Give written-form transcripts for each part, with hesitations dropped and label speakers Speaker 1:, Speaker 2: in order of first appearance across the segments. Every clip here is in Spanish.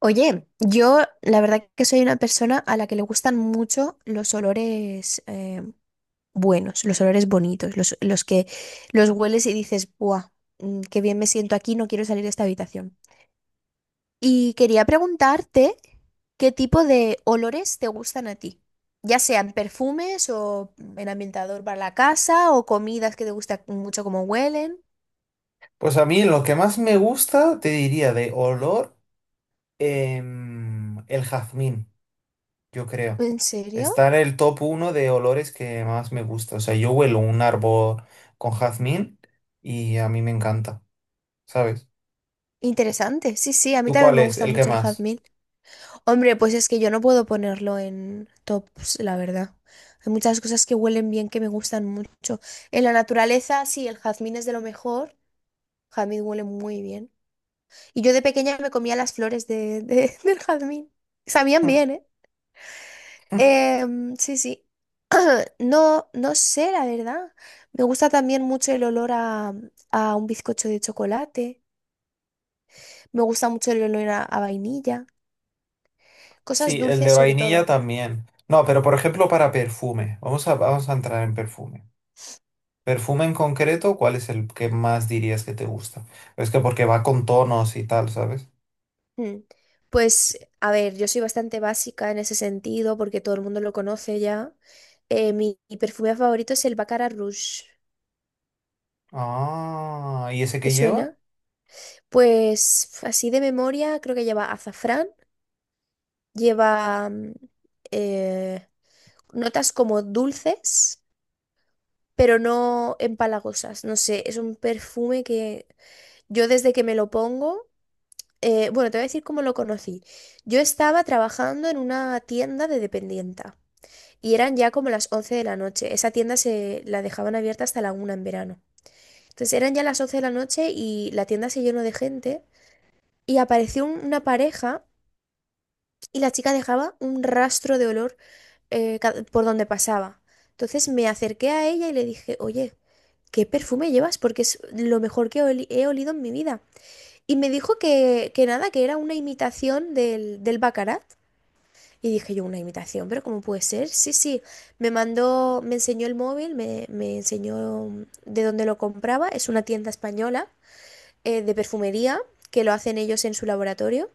Speaker 1: Oye, yo la verdad que soy una persona a la que le gustan mucho los olores buenos, los olores bonitos, los que los hueles y dices, ¡buah! Qué bien me siento aquí, no quiero salir de esta habitación. Y quería preguntarte qué tipo de olores te gustan a ti, ya sean perfumes o el ambientador para la casa o comidas que te gusta mucho como huelen.
Speaker 2: Pues a mí lo que más me gusta, te diría, de olor, el jazmín, yo creo.
Speaker 1: ¿En serio?
Speaker 2: Está en el top uno de olores que más me gusta. O sea, yo huelo un árbol con jazmín y a mí me encanta, ¿sabes?
Speaker 1: Interesante. Sí, sí, a mí
Speaker 2: ¿Tú
Speaker 1: también
Speaker 2: cuál
Speaker 1: me
Speaker 2: es
Speaker 1: gusta
Speaker 2: el que
Speaker 1: mucho el
Speaker 2: más?
Speaker 1: jazmín. Hombre, pues es que yo no puedo ponerlo en tops, la verdad. Hay muchas cosas que huelen bien que me gustan mucho. En la naturaleza, sí, el jazmín es de lo mejor. Jazmín huele muy bien. Y yo de pequeña me comía las flores del jazmín. Sabían
Speaker 2: Mm.
Speaker 1: bien, ¿eh? Em, sí, sí. No, no sé, la verdad. Me gusta también mucho el olor a un bizcocho de chocolate. Me gusta mucho el olor a vainilla. Cosas
Speaker 2: Sí, el de
Speaker 1: dulces sobre
Speaker 2: vainilla
Speaker 1: todo.
Speaker 2: también. No, pero por ejemplo para perfume. Vamos a entrar en perfume. Perfume en concreto, ¿cuál es el que más dirías que te gusta? Es que porque va con tonos y tal, ¿sabes?
Speaker 1: Mm. Pues, a ver, yo soy bastante básica en ese sentido porque todo el mundo lo conoce ya. Mi perfume favorito es el Baccarat Rouge.
Speaker 2: Ah, ¿y ese
Speaker 1: ¿Te
Speaker 2: que lleva?
Speaker 1: suena? Pues, así de memoria, creo que lleva azafrán, lleva eh, notas como dulces, pero no empalagosas. No sé, es un perfume que yo desde que me lo pongo, bueno, te voy a decir cómo lo conocí. Yo estaba trabajando en una tienda de dependienta. Y eran ya como las 11 de la noche. Esa tienda se la dejaban abierta hasta la 1 en verano. Entonces eran ya las 11 de la noche y la tienda se llenó de gente y apareció una pareja y la chica dejaba un rastro de olor por donde pasaba. Entonces me acerqué a ella y le dije, oye, ¿qué perfume llevas? Porque es lo mejor que he olido en mi vida. Y me dijo que nada, que era una imitación del Baccarat. Y dije yo, una imitación, pero ¿cómo puede ser? Sí, sí, me enseñó el móvil, me enseñó de dónde lo compraba. Es una tienda española de perfumería que lo hacen ellos en su laboratorio.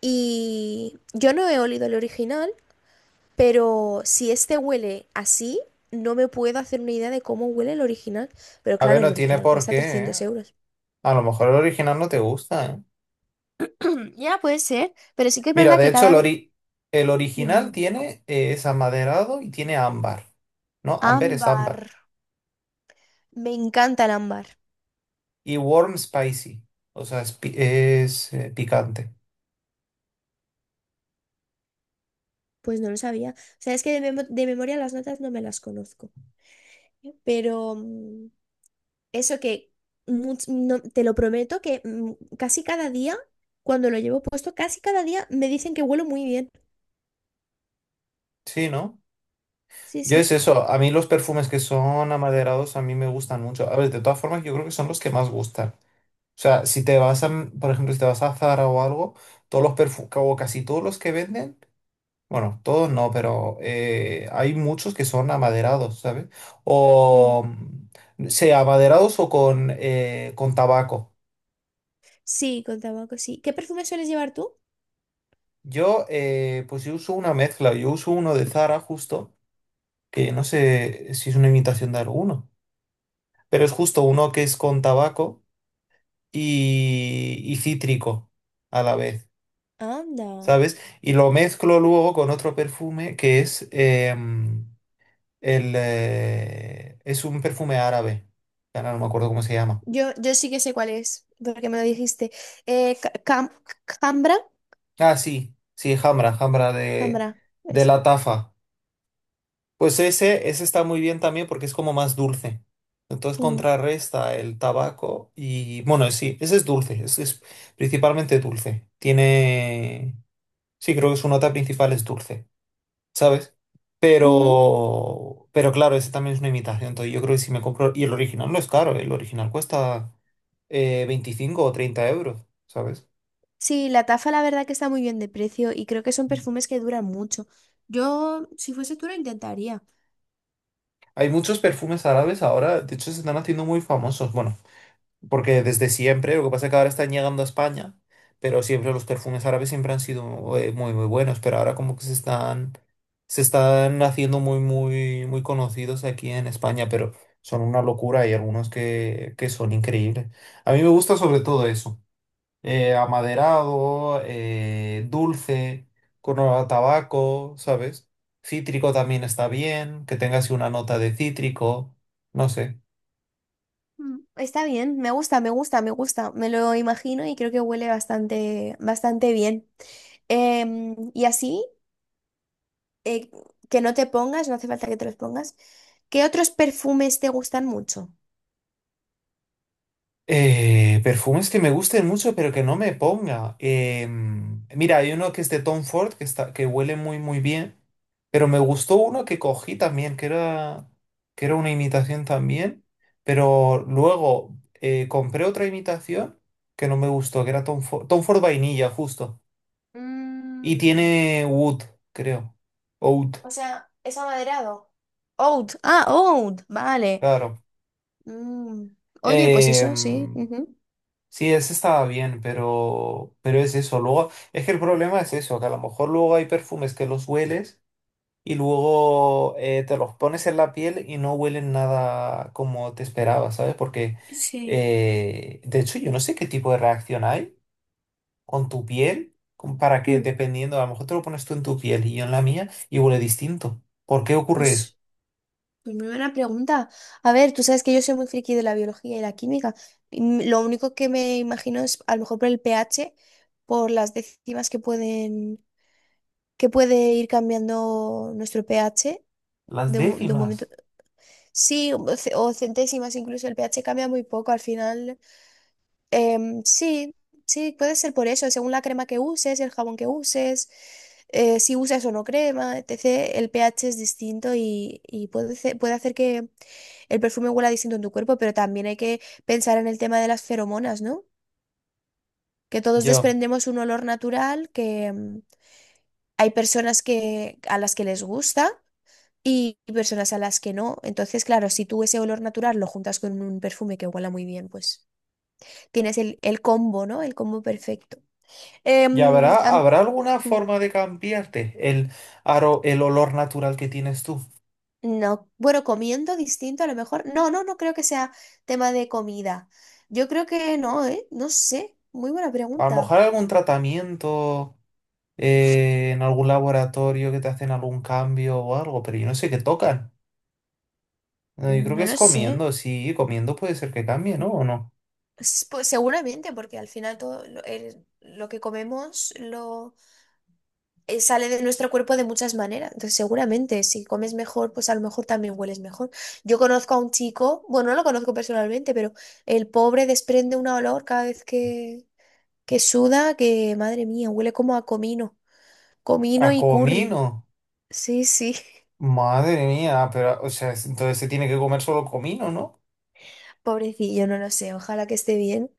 Speaker 1: Y yo no he olido el original, pero si este huele así, no me puedo hacer una idea de cómo huele el original. Pero
Speaker 2: A ver,
Speaker 1: claro, el
Speaker 2: no tiene
Speaker 1: original
Speaker 2: por
Speaker 1: cuesta
Speaker 2: qué, ¿eh?
Speaker 1: 300 euros.
Speaker 2: A lo mejor el original no te gusta, ¿eh?
Speaker 1: Ya puede ser, pero sí que es
Speaker 2: Mira,
Speaker 1: verdad
Speaker 2: de
Speaker 1: que
Speaker 2: hecho,
Speaker 1: cada
Speaker 2: el,
Speaker 1: vez...
Speaker 2: ori- el original
Speaker 1: Dime.
Speaker 2: tiene, es amaderado y tiene ámbar. No, ámbar es
Speaker 1: Ámbar.
Speaker 2: ámbar.
Speaker 1: Me encanta el ámbar.
Speaker 2: Y warm spicy. O sea, es, picante.
Speaker 1: Pues no lo sabía. O sea, es que de, de memoria las notas no me las conozco. Pero eso que te lo prometo que casi cada día, cuando lo llevo puesto, casi cada día me dicen que huelo muy bien.
Speaker 2: Sí, ¿no?
Speaker 1: Sí,
Speaker 2: Yo
Speaker 1: sí.
Speaker 2: es eso. A mí los perfumes que son amaderados a mí me gustan mucho. A ver, de todas formas, yo creo que son los que más gustan. O sea, si te vas a, por ejemplo, si te vas a Zara o algo, todos los perfumes, o casi todos los que venden. Bueno, todos no, pero hay muchos que son amaderados, ¿sabes?
Speaker 1: Mm.
Speaker 2: O sea amaderados o con tabaco.
Speaker 1: Sí, con tabaco, sí. ¿Qué perfume sueles llevar tú?
Speaker 2: Pues yo uso una mezcla, yo uso uno de Zara justo, que no sé si es una imitación de alguno, pero es justo uno que es con tabaco y cítrico a la vez,
Speaker 1: Anda.
Speaker 2: ¿sabes? Y lo mezclo luego con otro perfume que es es un perfume árabe. Ahora no me acuerdo cómo se llama.
Speaker 1: Yo sí que sé cuál es, porque me lo dijiste. Eh, ca- cam- Cambra.
Speaker 2: Ah, sí, sí, Hamra, Hamra de,
Speaker 1: Cambra.
Speaker 2: de
Speaker 1: Es.
Speaker 2: la Tafa. Pues ese está muy bien también porque es como más dulce. Entonces
Speaker 1: Mm.
Speaker 2: contrarresta el tabaco y bueno, sí, ese es dulce, ese es principalmente dulce. Tiene, sí, creo que su nota principal es dulce, ¿sabes?
Speaker 1: Ujú.
Speaker 2: Pero claro, ese también es una imitación. Entonces yo creo que si me compro, y el original no es caro, el original cuesta 25 o 30 euros, ¿sabes?
Speaker 1: Sí, la tafa la verdad que está muy bien de precio y creo que son perfumes que duran mucho. Yo, si fuese tú, lo intentaría.
Speaker 2: Hay muchos perfumes árabes ahora, de hecho se están haciendo muy famosos, bueno, porque desde siempre, lo que pasa es que ahora están llegando a España, pero siempre los perfumes árabes siempre han sido muy, muy buenos, pero ahora como que se están haciendo muy, muy, muy conocidos aquí en España, pero son una locura, y algunos que son increíbles. A mí me gusta sobre todo eso. Amaderado, dulce, con olor a tabaco, ¿sabes? Cítrico también está bien, que tenga así una nota de cítrico, no sé.
Speaker 1: Mm, está bien, me gusta, me gusta, me gusta. Me lo imagino y creo que huele bastante, bastante bien. Em, y así, eh, que no te pongas, no hace falta que te los pongas. ¿Qué otros perfumes te gustan mucho?
Speaker 2: Perfumes que me gusten mucho, pero que no me ponga. Mira, hay uno que es de Tom Ford, que está, que huele muy, muy bien, pero me gustó uno que cogí también, que era una imitación también, pero luego compré otra imitación que no me gustó, que era Tom Ford, Tom Ford vainilla, justo. Y
Speaker 1: Mm,
Speaker 2: tiene Wood, creo. Oud,
Speaker 1: o sea, es amaderado. Oud, ah, oud, vale.
Speaker 2: claro.
Speaker 1: Mm, oye, pues eso, sí.
Speaker 2: Em,
Speaker 1: Ujú.
Speaker 2: sí, ese estaba bien, pero es eso. Luego, es que el problema es eso, que a lo mejor luego hay perfumes que los hueles y luego te los pones en la piel y no huelen nada como te esperabas, ¿sabes? Porque,
Speaker 1: Sí,
Speaker 2: de hecho, yo no sé qué tipo de reacción hay con tu piel para que,
Speaker 1: mm,
Speaker 2: dependiendo, a lo mejor te lo pones tú en tu piel y yo en la mía y huele distinto. ¿Por qué ocurre
Speaker 1: pues.
Speaker 2: eso?
Speaker 1: Pues muy buena pregunta. A ver, tú sabes que yo soy muy friki de la biología y la química. Mm, lo único que me imagino es a lo mejor por el pH, por las décimas que pueden, que puede ir cambiando nuestro pH
Speaker 2: Las
Speaker 1: de un momento.
Speaker 2: décimas.
Speaker 1: Sí, o centésimas, incluso el pH cambia muy poco al final. Em, sí, sí, puede ser por eso, según la crema que uses, el jabón que uses, si usas o no crema, etc. El pH es distinto y puede, puede hacer que el perfume huela distinto en tu cuerpo, pero también hay que pensar en el tema de las feromonas, ¿no? Que todos
Speaker 2: Yo.
Speaker 1: desprendemos un olor natural, que hay personas que, a las que les gusta y personas a las que no. Entonces, claro, si tú ese olor natural lo juntas con un perfume que huela muy bien, pues tienes el combo, ¿no? El combo perfecto.
Speaker 2: ¿Y
Speaker 1: Em,
Speaker 2: habrá,
Speaker 1: am-
Speaker 2: habrá alguna
Speaker 1: mm,
Speaker 2: forma de cambiarte el olor natural que tienes tú?
Speaker 1: no, bueno, comiendo distinto a lo mejor. No, no, no creo que sea tema de comida. Yo creo que no, ¿eh? No sé. Muy buena
Speaker 2: A lo
Speaker 1: pregunta.
Speaker 2: mejor algún tratamiento en algún laboratorio que te hacen algún cambio o algo, pero yo no sé qué tocan. Yo creo que
Speaker 1: No
Speaker 2: es
Speaker 1: lo sé.
Speaker 2: comiendo, sí, comiendo puede ser que cambie, ¿no? ¿O no?
Speaker 1: Pues seguramente, porque al final todo lo que comemos lo sale de nuestro cuerpo de muchas maneras. Entonces, seguramente, si comes mejor, pues a lo mejor también hueles mejor. Yo conozco a un chico, bueno, no lo conozco personalmente, pero el pobre desprende un olor cada vez que suda, que madre mía, huele como a comino, comino
Speaker 2: A
Speaker 1: y curry.
Speaker 2: comino.
Speaker 1: Sí, sí,
Speaker 2: Madre mía, pero, o sea, entonces se tiene que comer solo comino, ¿no?
Speaker 1: pobrecillo, no lo sé, ojalá que esté bien.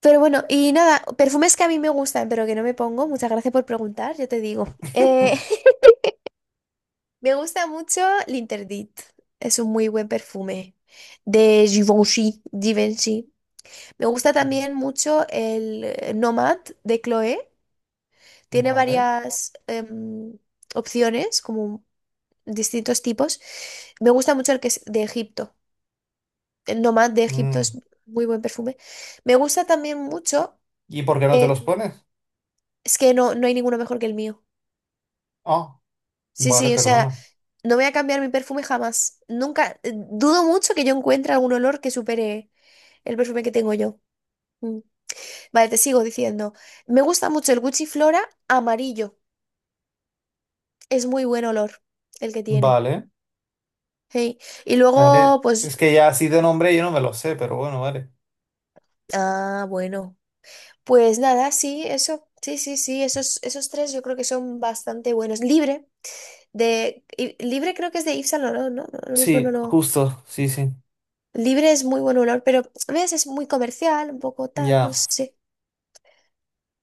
Speaker 1: Pero bueno, y nada, perfumes que a mí me gustan, pero que no me pongo. Muchas gracias por preguntar, yo te digo. Me gusta mucho L'Interdit. Es un muy buen perfume de Givenchy. Me gusta también mucho el Nomad de Chloé. Tiene
Speaker 2: Vale.
Speaker 1: varias opciones, como distintos tipos. Me gusta mucho el que es de Egipto. El Nomad de Egipto
Speaker 2: Mm.
Speaker 1: es muy buen perfume. Me gusta también mucho.
Speaker 2: ¿Y por qué no te
Speaker 1: eh,
Speaker 2: los pones?
Speaker 1: es que no, no hay ninguno mejor que el mío.
Speaker 2: Ah,
Speaker 1: Sí,
Speaker 2: vale,
Speaker 1: sí, o sea,
Speaker 2: perdona.
Speaker 1: no voy a cambiar mi perfume jamás. Nunca, dudo mucho que yo encuentre algún olor que supere el perfume que tengo yo. Mm. Vale, te sigo diciendo. Me gusta mucho el Gucci Flora amarillo. Es muy buen olor el que tiene.
Speaker 2: Vale.
Speaker 1: Hey. Y
Speaker 2: Vale.
Speaker 1: luego, pues,
Speaker 2: Es que ya así de nombre yo no me lo sé, pero bueno, vale.
Speaker 1: ah, bueno. Pues nada, sí, eso. Sí, sí, sí, esos, esos tres yo creo que son bastante buenos. Libre, Libre creo que es de Yves Saint Laurent, ¿no? No, lo mismo no
Speaker 2: Sí,
Speaker 1: lo...
Speaker 2: justo, sí, sí.
Speaker 1: Libre es muy buen olor, pero a veces es muy comercial, un poco tal, no
Speaker 2: Ya.
Speaker 1: sé.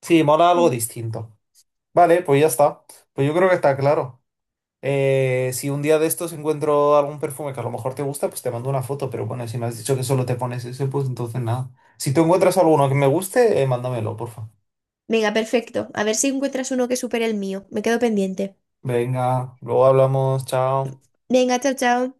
Speaker 2: Sí, mola algo
Speaker 1: Mm.
Speaker 2: distinto. Vale, pues ya está. Pues yo creo que está claro. Si un día de estos encuentro algún perfume que a lo mejor te gusta, pues te mando una foto. Pero bueno, si me has dicho que solo te pones ese, pues entonces nada. Si tú encuentras alguno que me guste, mándamelo, porfa.
Speaker 1: Venga, perfecto. A ver si encuentras uno que supere el mío. Me quedo pendiente.
Speaker 2: Venga, luego hablamos, chao.
Speaker 1: Venga, chao, chao.